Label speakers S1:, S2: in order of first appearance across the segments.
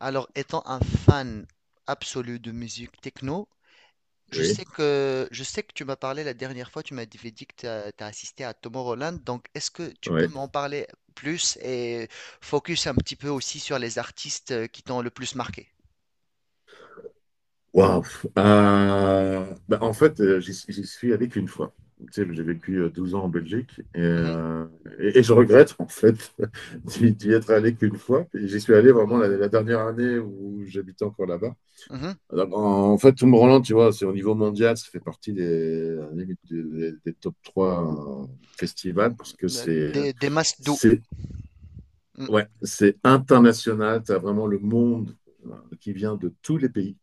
S1: Alors, étant un fan absolu de musique techno, je
S2: Oui,
S1: sais que, je sais que tu m'as parlé la dernière fois, tu m'as dit que tu as assisté à Tomorrowland, donc est-ce que tu peux
S2: ouais.
S1: m'en parler plus et focus un petit peu aussi sur les artistes qui t'ont le plus marqué?
S2: Waouh. Bah, en fait, j'y suis allé qu'une fois. Tu sais, j'ai vécu 12 ans en Belgique et,
S1: Mhm,
S2: euh, et- et je regrette en fait d'y être allé qu'une fois. Et j'y suis allé vraiment la dernière année où j'habitais encore là-bas.
S1: mhm.
S2: Alors, en fait, Tomorrowland, tu vois, c'est au niveau mondial, ça fait partie des top 3 festivals parce que c'est
S1: Des masses d'eau.
S2: c'est
S1: Mhm,
S2: ouais, c'est international. Tu as vraiment le monde qui vient de tous les pays.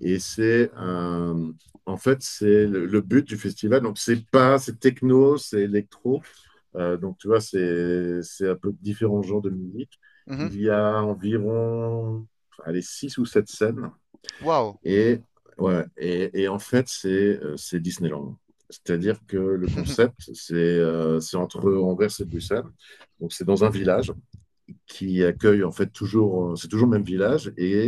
S2: Et c'est en fait, c'est le but du festival. Donc, c'est pas, c'est techno, c'est électro. Donc, tu vois, c'est un peu différents genres de musique.
S1: mhm.
S2: Il y a environ, allez, six ou sept scènes.
S1: Wow.
S2: Et, ouais, et en fait, c'est Disneyland. C'est-à-dire que le concept, c'est entre Anvers et Bruxelles. Donc, c'est dans un village qui accueille en fait toujours, c'est toujours le même village et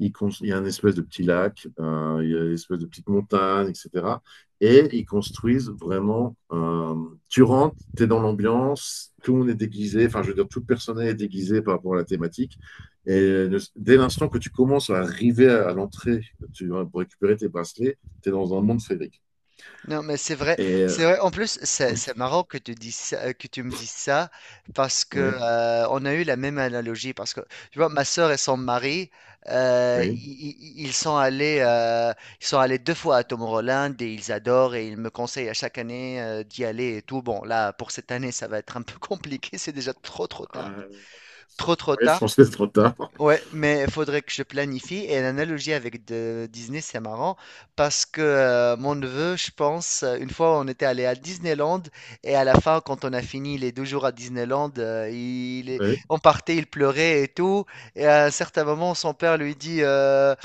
S2: il, il y a un espèce de petit lac, il y a une espèce de petite montagne, etc. Et ils construisent vraiment. Tu rentres, tu es dans l'ambiance, tout le monde est déguisé, enfin, je veux dire, tout le personnel est déguisé par rapport à la thématique. Et dès l'instant que tu commences à arriver à l'entrée, pour récupérer tes bracelets, tu es dans un monde féerique.
S1: Non, mais c'est vrai,
S2: Et
S1: c'est vrai. En plus, c'est marrant que que tu me dises ça parce que
S2: oui,
S1: on a eu la même analogie. Parce que tu vois, ma sœur et son mari,
S2: oui.
S1: ils sont allés deux fois à Tomorrowland et ils adorent et ils me conseillent à chaque année d'y aller et tout. Bon, là, pour cette année, ça va être un peu compliqué. C'est déjà trop, trop tard.
S2: Euh,
S1: Trop, trop
S2: oui, je
S1: tard.
S2: pense que c'est trop tard.
S1: Ouais, mais il faudrait que je planifie. Et l'analogie avec Disney, c'est marrant parce que mon neveu, je pense, une fois, on était allé à Disneyland et à la fin, quand on a fini les deux jours à Disneyland,
S2: Oui.
S1: on partait, il pleurait et tout. Et à un certain moment, son père lui dit euh,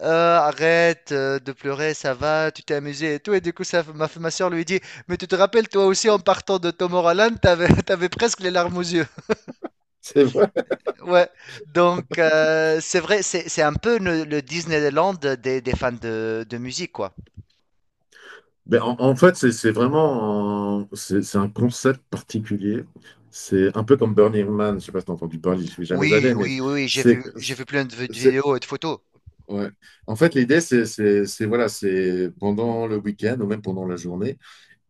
S1: Euh, Arrête de pleurer, ça va, tu t'es amusé et tout. Et du coup, ma soeur lui dit: «Mais tu te rappelles, toi aussi, en partant de Tom Holland, t'avais, t'avais presque les larmes aux yeux.»
S2: C'est
S1: Ouais, donc c'est vrai, c'est un peu le Disneyland des fans de musique, quoi.
S2: Ben, en fait, c'est vraiment un concept particulier. C'est un peu comme Burning Man. Je sais pas si tu as entendu parler, je suis jamais
S1: Oui,
S2: allé, mais
S1: oui, oui, oui,
S2: c'est,
S1: j'ai vu plein de de
S2: c'est,
S1: vidéos et de photos.
S2: ouais. En fait, l'idée, c'est, voilà, c'est pendant le week-end ou même pendant la journée,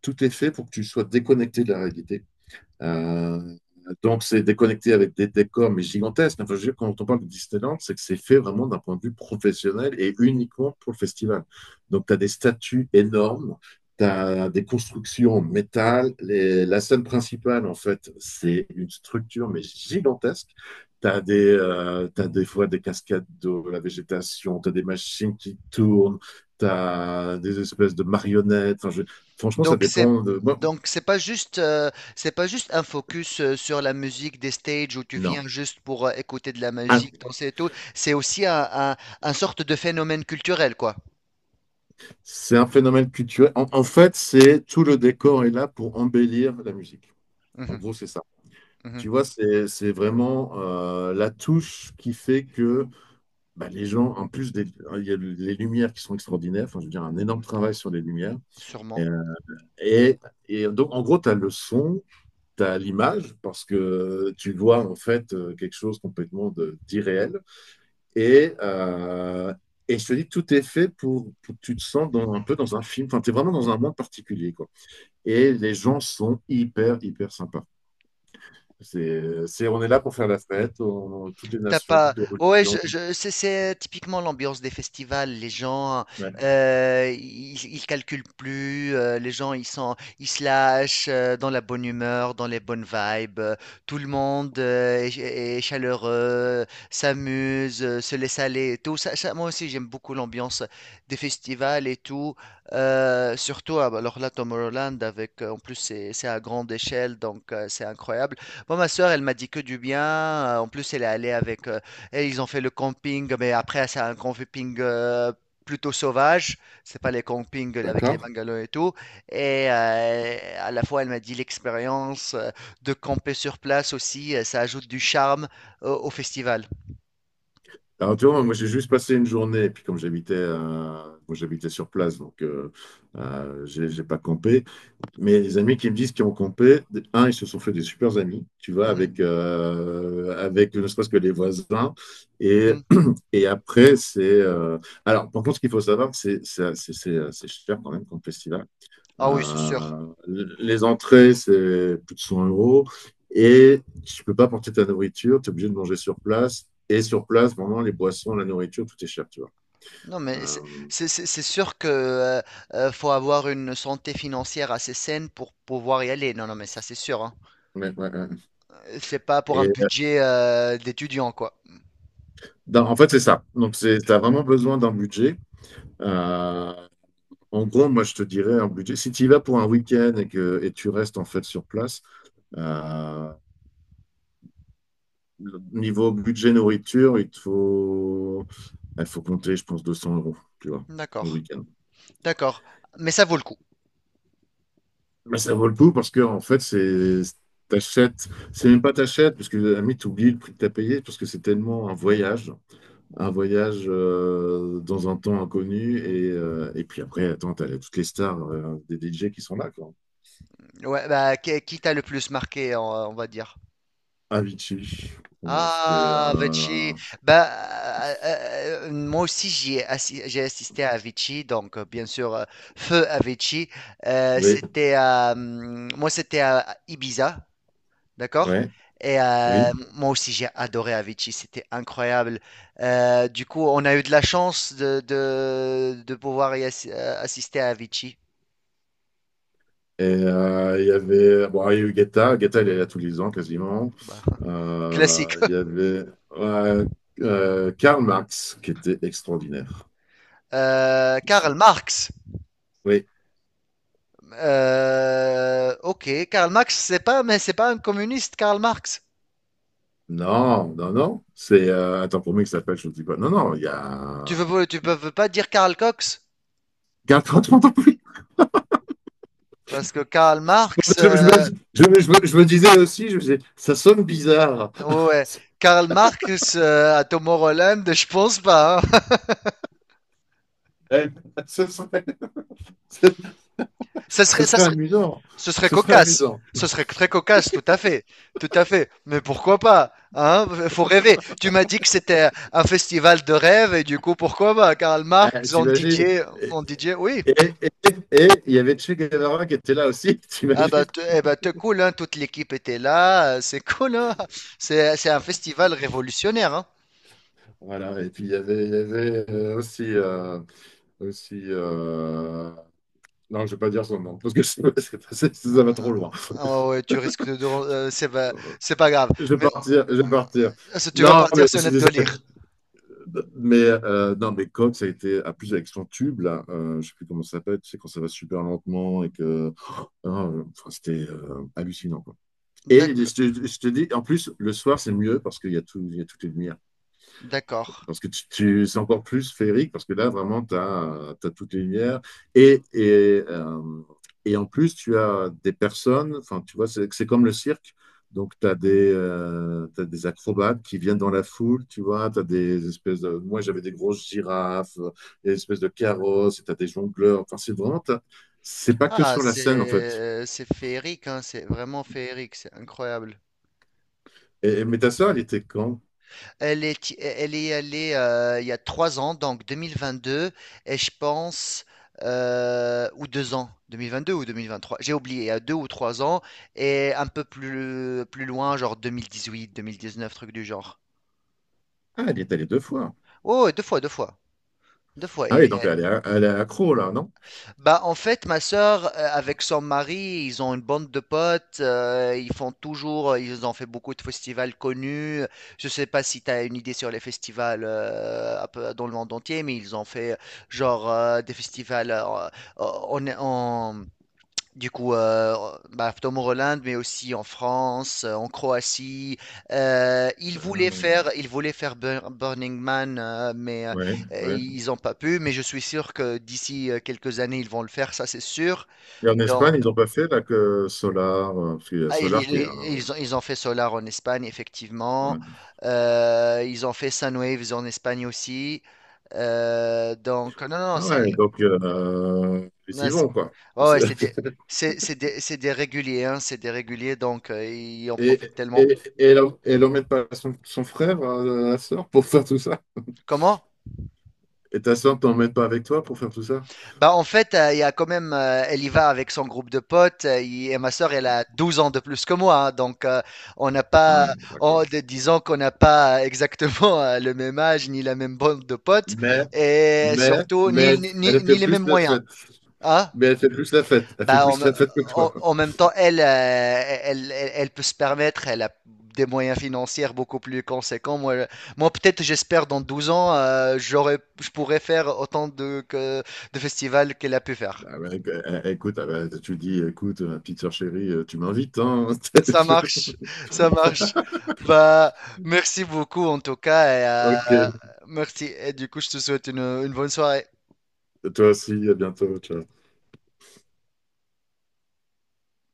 S2: tout est fait pour que tu sois déconnecté de la réalité. Euh, donc, c'est déconnecté avec des décors, mais gigantesques. Enfin, je veux dire, quand on parle de Disneyland, c'est que c'est fait vraiment d'un point de vue professionnel et uniquement pour le festival. Donc, tu as des statues énormes, tu as des constructions en métal. La scène principale, en fait, c'est une structure, mais gigantesque. T'as des fois des cascades d'eau, la végétation, t'as des machines qui tournent, t'as des espèces de marionnettes. Enfin, franchement, ça
S1: Donc c'est
S2: dépend de... Moi,
S1: donc c'est pas juste c'est pas juste un focus sur la musique des stages où tu
S2: non.
S1: viens juste pour écouter de la musique, danser et tout. C'est aussi un sorte de phénomène culturel, quoi.
S2: C'est un phénomène culturel. En fait, c'est tout le décor est là pour embellir la musique. En
S1: Mhm,
S2: gros, c'est ça.
S1: mhm,
S2: Tu vois, c'est vraiment la touche qui fait que bah, les gens, en plus, il y a les lumières qui sont extraordinaires. Enfin, je veux dire, un énorme travail sur les lumières.
S1: sûrement.
S2: Euh, Et, et donc, en gros, tu as le son, tu as l'image, parce que tu vois, en fait, quelque chose complètement d'irréel. Et, euh, et je te dis, tout est fait pour que tu te sens un peu dans un film. Enfin, tu es vraiment dans un monde particulier, quoi. Et les gens sont hyper, hyper sympas. On est là pour faire la fête, toutes les
S1: T'as
S2: nations,
S1: pas.
S2: toutes les
S1: Ouais,
S2: religions.
S1: c'est typiquement l'ambiance des festivals. Les gens,
S2: Ouais.
S1: ils, ils calculent plus. Les gens, ils sont, ils se lâchent dans la bonne humeur, dans les bonnes vibes. Tout le monde est, est chaleureux, s'amuse, se laisse aller et tout. Ça, moi aussi, j'aime beaucoup l'ambiance des festivals et tout. Surtout, ah, bah, alors là, Tomorrowland, avec, en plus, c'est à grande échelle, donc c'est incroyable. Moi, ma sœur, elle m'a dit que du bien. En plus, elle est allée avec. Et ils ont fait le camping, mais après, c'est un camping plutôt sauvage. C'est pas les campings avec les
S2: D'accord?
S1: bungalows et tout. Et à la fois, elle m'a dit l'expérience de camper sur place aussi, ça ajoute du charme au, au festival.
S2: Alors, tu vois, moi, j'ai juste passé une journée, et puis comme j'habitais moi, j'habitais sur place, donc j'ai pas campé. Mais les amis qui me disent qu'ils ont campé, un, ils se sont fait des super amis, tu vois,
S1: Mhm,
S2: avec, avec ne serait-ce que les voisins. Et,
S1: mhm.
S2: et après, c'est. Alors, par contre, ce qu'il faut savoir, c'est cher quand même comme festival.
S1: Ah oui, c'est sûr.
S2: Euh, les entrées, c'est plus de 100 euros. Et tu ne peux pas porter ta nourriture, tu es obligé de manger sur place. Et sur place, vraiment, les boissons, la nourriture, tout est cher, tu vois.
S1: Non, mais
S2: Euh,
S1: c'est c'est sûr que faut avoir une santé financière assez saine pour pouvoir y aller. Non, non, mais ça, c'est sûr, hein.
S2: ouais, ouais, ouais.
S1: C'est pas pour un
S2: Et
S1: budget d'étudiant, quoi.
S2: en fait, c'est ça. Donc, tu as vraiment besoin d'un budget. Euh, En gros, moi, je te dirais un budget. Si tu y vas pour un week-end et que tu restes en fait sur place, euh, niveau budget nourriture, il faut compter, je pense, 200 euros, tu vois, pour le
S1: D'accord,
S2: week-end.
S1: d'accord. Mais ça vaut le coup.
S2: Mais ça vaut le coup parce que en fait, c'est t'achètes, c'est même pas t'achètes, parce que à la limite, t'oublies le prix que t'as payé, parce que c'est tellement un voyage dans un temps inconnu, et puis après, attends, t'as toutes les stars des DJ qui sont là, quoi.
S1: Ouais, bah, qui t'a le plus marqué, on va dire?
S2: Avicii, pour moi, c'était
S1: Ah, Vichy. Bah, moi aussi, j'ai assisté à Vichy, donc bien sûr, feu à Vichy.
S2: oui,
S1: C'était à, moi, c'était à Ibiza. D'accord?
S2: ouais,
S1: Et
S2: oui.
S1: moi aussi, j'ai adoré Avicii, c'était incroyable. Du coup, on a eu de la chance de pouvoir assister à Avicii.
S2: Et il y avait, bon, il y a eu Guetta, Guetta, il est là tous les ans quasiment.
S1: Bah, classique.
S2: Il y avait ouais, Karl Marx qui était extraordinaire.
S1: Karl Marx.
S2: Oui.
S1: Ok, Karl Marx, c'est pas, mais c'est pas un communiste, Karl Marx.
S2: Non, non, non. C'est un temporomie qui s'appelle, je ne dis pas. Non, non, il y
S1: Tu
S2: a.
S1: veux, tu peux veux pas dire Karl Cox,
S2: Garde quand tu m'entends plus.
S1: parce que Karl Marx,
S2: Je me, je me- je me- je me disais aussi, je me disais, ça sonne bizarre.
S1: ouais, ouais. Karl Marx à Tom Holland, je pense pas. Hein.
S2: Eh, Ce serait, ce, ce
S1: Ça
S2: serait
S1: serait
S2: amusant.
S1: ce serait
S2: Ce serait
S1: cocasse.
S2: amusant.
S1: Ce serait très cocasse, tout à fait. Tout à fait. Mais pourquoi pas? Hein? Faut rêver. Tu m'as dit que c'était un festival de rêve et du coup, pourquoi pas? Karl
S2: Eh,
S1: Marx en
S2: t'imagines?
S1: DJ,
S2: Et,
S1: en DJ, oui.
S2: et, et- et il y avait Che Guevara qui était là aussi,
S1: Ah bah,
S2: t'imagines?
S1: eh bah, t'es cool, hein? Toute l'équipe était là. C'est cool, hein? C'est un festival révolutionnaire, hein?
S2: Voilà. Et puis il y avait aussi. Non, je ne vais pas dire son nom, parce que ça va trop loin.
S1: Ah ouais, tu risques de... c'est pas grave.
S2: Je vais
S1: Mais
S2: partir, je vais partir.
S1: ça, tu vas
S2: Non,
S1: partir
S2: mais je
S1: sur
S2: suis
S1: notre
S2: désolé.
S1: délire.
S2: Mais, non, mais Coq, ça a été à plus avec son tube, là. Je sais plus comment ça s'appelle. Tu sais, quand ça va super lentement et que. Ah, enfin, c'était hallucinant, quoi. Et
S1: D'accord.
S2: je te dis, en plus, le soir, c'est mieux parce qu'il y a tout, il y a toutes les lumières.
S1: D'accord.
S2: Parce que c'est encore plus féerique, parce que là, vraiment, tu as, toutes les lumières. Et, et, euh, et en plus, tu as des personnes, enfin, tu vois, c'est comme le cirque. Donc, t'as des acrobates qui viennent dans la foule, tu vois. Tu as des espèces de. Moi, j'avais des grosses girafes, des espèces de carrosses, et tu as des jongleurs. Enfin, c'est vraiment. C'est pas que
S1: Ah,
S2: sur la scène, en fait.
S1: c'est féerique, hein, c'est vraiment féerique, c'est incroyable.
S2: Et, mais ta sœur, elle était quand?
S1: Elle est allée il y a trois ans, donc 2022, et je pense, ou deux ans, 2022 ou 2023. J'ai oublié, il y a deux ou trois ans, et un peu plus, plus loin, genre deux mille dix-huit, deux mille dix-neuf, truc du genre.
S2: Ah, elle y est allée deux fois.
S1: Oh, deux fois, deux fois, deux fois.
S2: Ah oui,
S1: Et,
S2: donc elle est accro, là, non?
S1: bah, en fait, ma sœur, avec son mari, ils ont une bande de potes, ils ont fait beaucoup de festivals connus. Je sais pas si tu as une idée sur les festivals un peu dans le monde entier, mais ils ont fait genre des festivals en, en, du coup, bah, Tom Holland, mais aussi en France, en Croatie.
S2: Ah,
S1: Ils voulaient faire Burning Man,
S2: ouais, ouais.
S1: ils n'ont pas pu. Mais je suis sûr que d'ici quelques années, ils vont le faire, ça c'est sûr.
S2: Et en
S1: Donc,
S2: Espagne, ils n'ont pas fait là que Solar, parce qu'il y a
S1: ah,
S2: Solar qui est
S1: ils ont fait Solar en Espagne, effectivement.
S2: ouais.
S1: Ils ont fait Sunwaves en Espagne aussi. Donc, non, non, non,
S2: Ah
S1: c'est
S2: ouais, donc ils y
S1: non,
S2: vont, quoi.
S1: ouais, ouais, c'est des réguliers, hein, c'est des réguliers, donc ils en
S2: Et,
S1: profitent tellement.
S2: et elle emmène pas son frère, la sœur, pour faire tout ça?
S1: Comment?
S2: Et ta sœur t'emmène pas avec toi pour faire tout ça?
S1: Bah en fait, il y a quand même, elle y va avec son groupe de potes, et ma sœur, elle a 12 ans de plus que moi, hein, donc on n'a pas,
S2: Ah, bon,
S1: en
S2: d'accord.
S1: disons qu'on n'a pas exactement le même âge, ni la même bande de potes,
S2: Mais,
S1: et
S2: mais,
S1: surtout,
S2: mais, elle fait
S1: ni les mêmes
S2: plus la
S1: moyens.
S2: fête.
S1: Hein?
S2: Mais elle fait plus la fête. Elle fait
S1: Bah,
S2: plus la fête que toi.
S1: en même temps, elle, elle peut se permettre, elle a des moyens financiers beaucoup plus conséquents. Moi, moi peut-être, j'espère, dans 12 ans, je pourrais faire autant de, de festivals qu'elle a pu faire.
S2: Ah ouais, écoute, ah ouais, tu dis, écoute, ma petite sœur chérie, tu m'invites, hein?
S1: Ça marche, ça marche. Bah, merci beaucoup en tout cas. Et,
S2: Ok.
S1: euh, merci. Et du coup, je te souhaite une bonne soirée.
S2: Toi aussi, à bientôt. Ciao.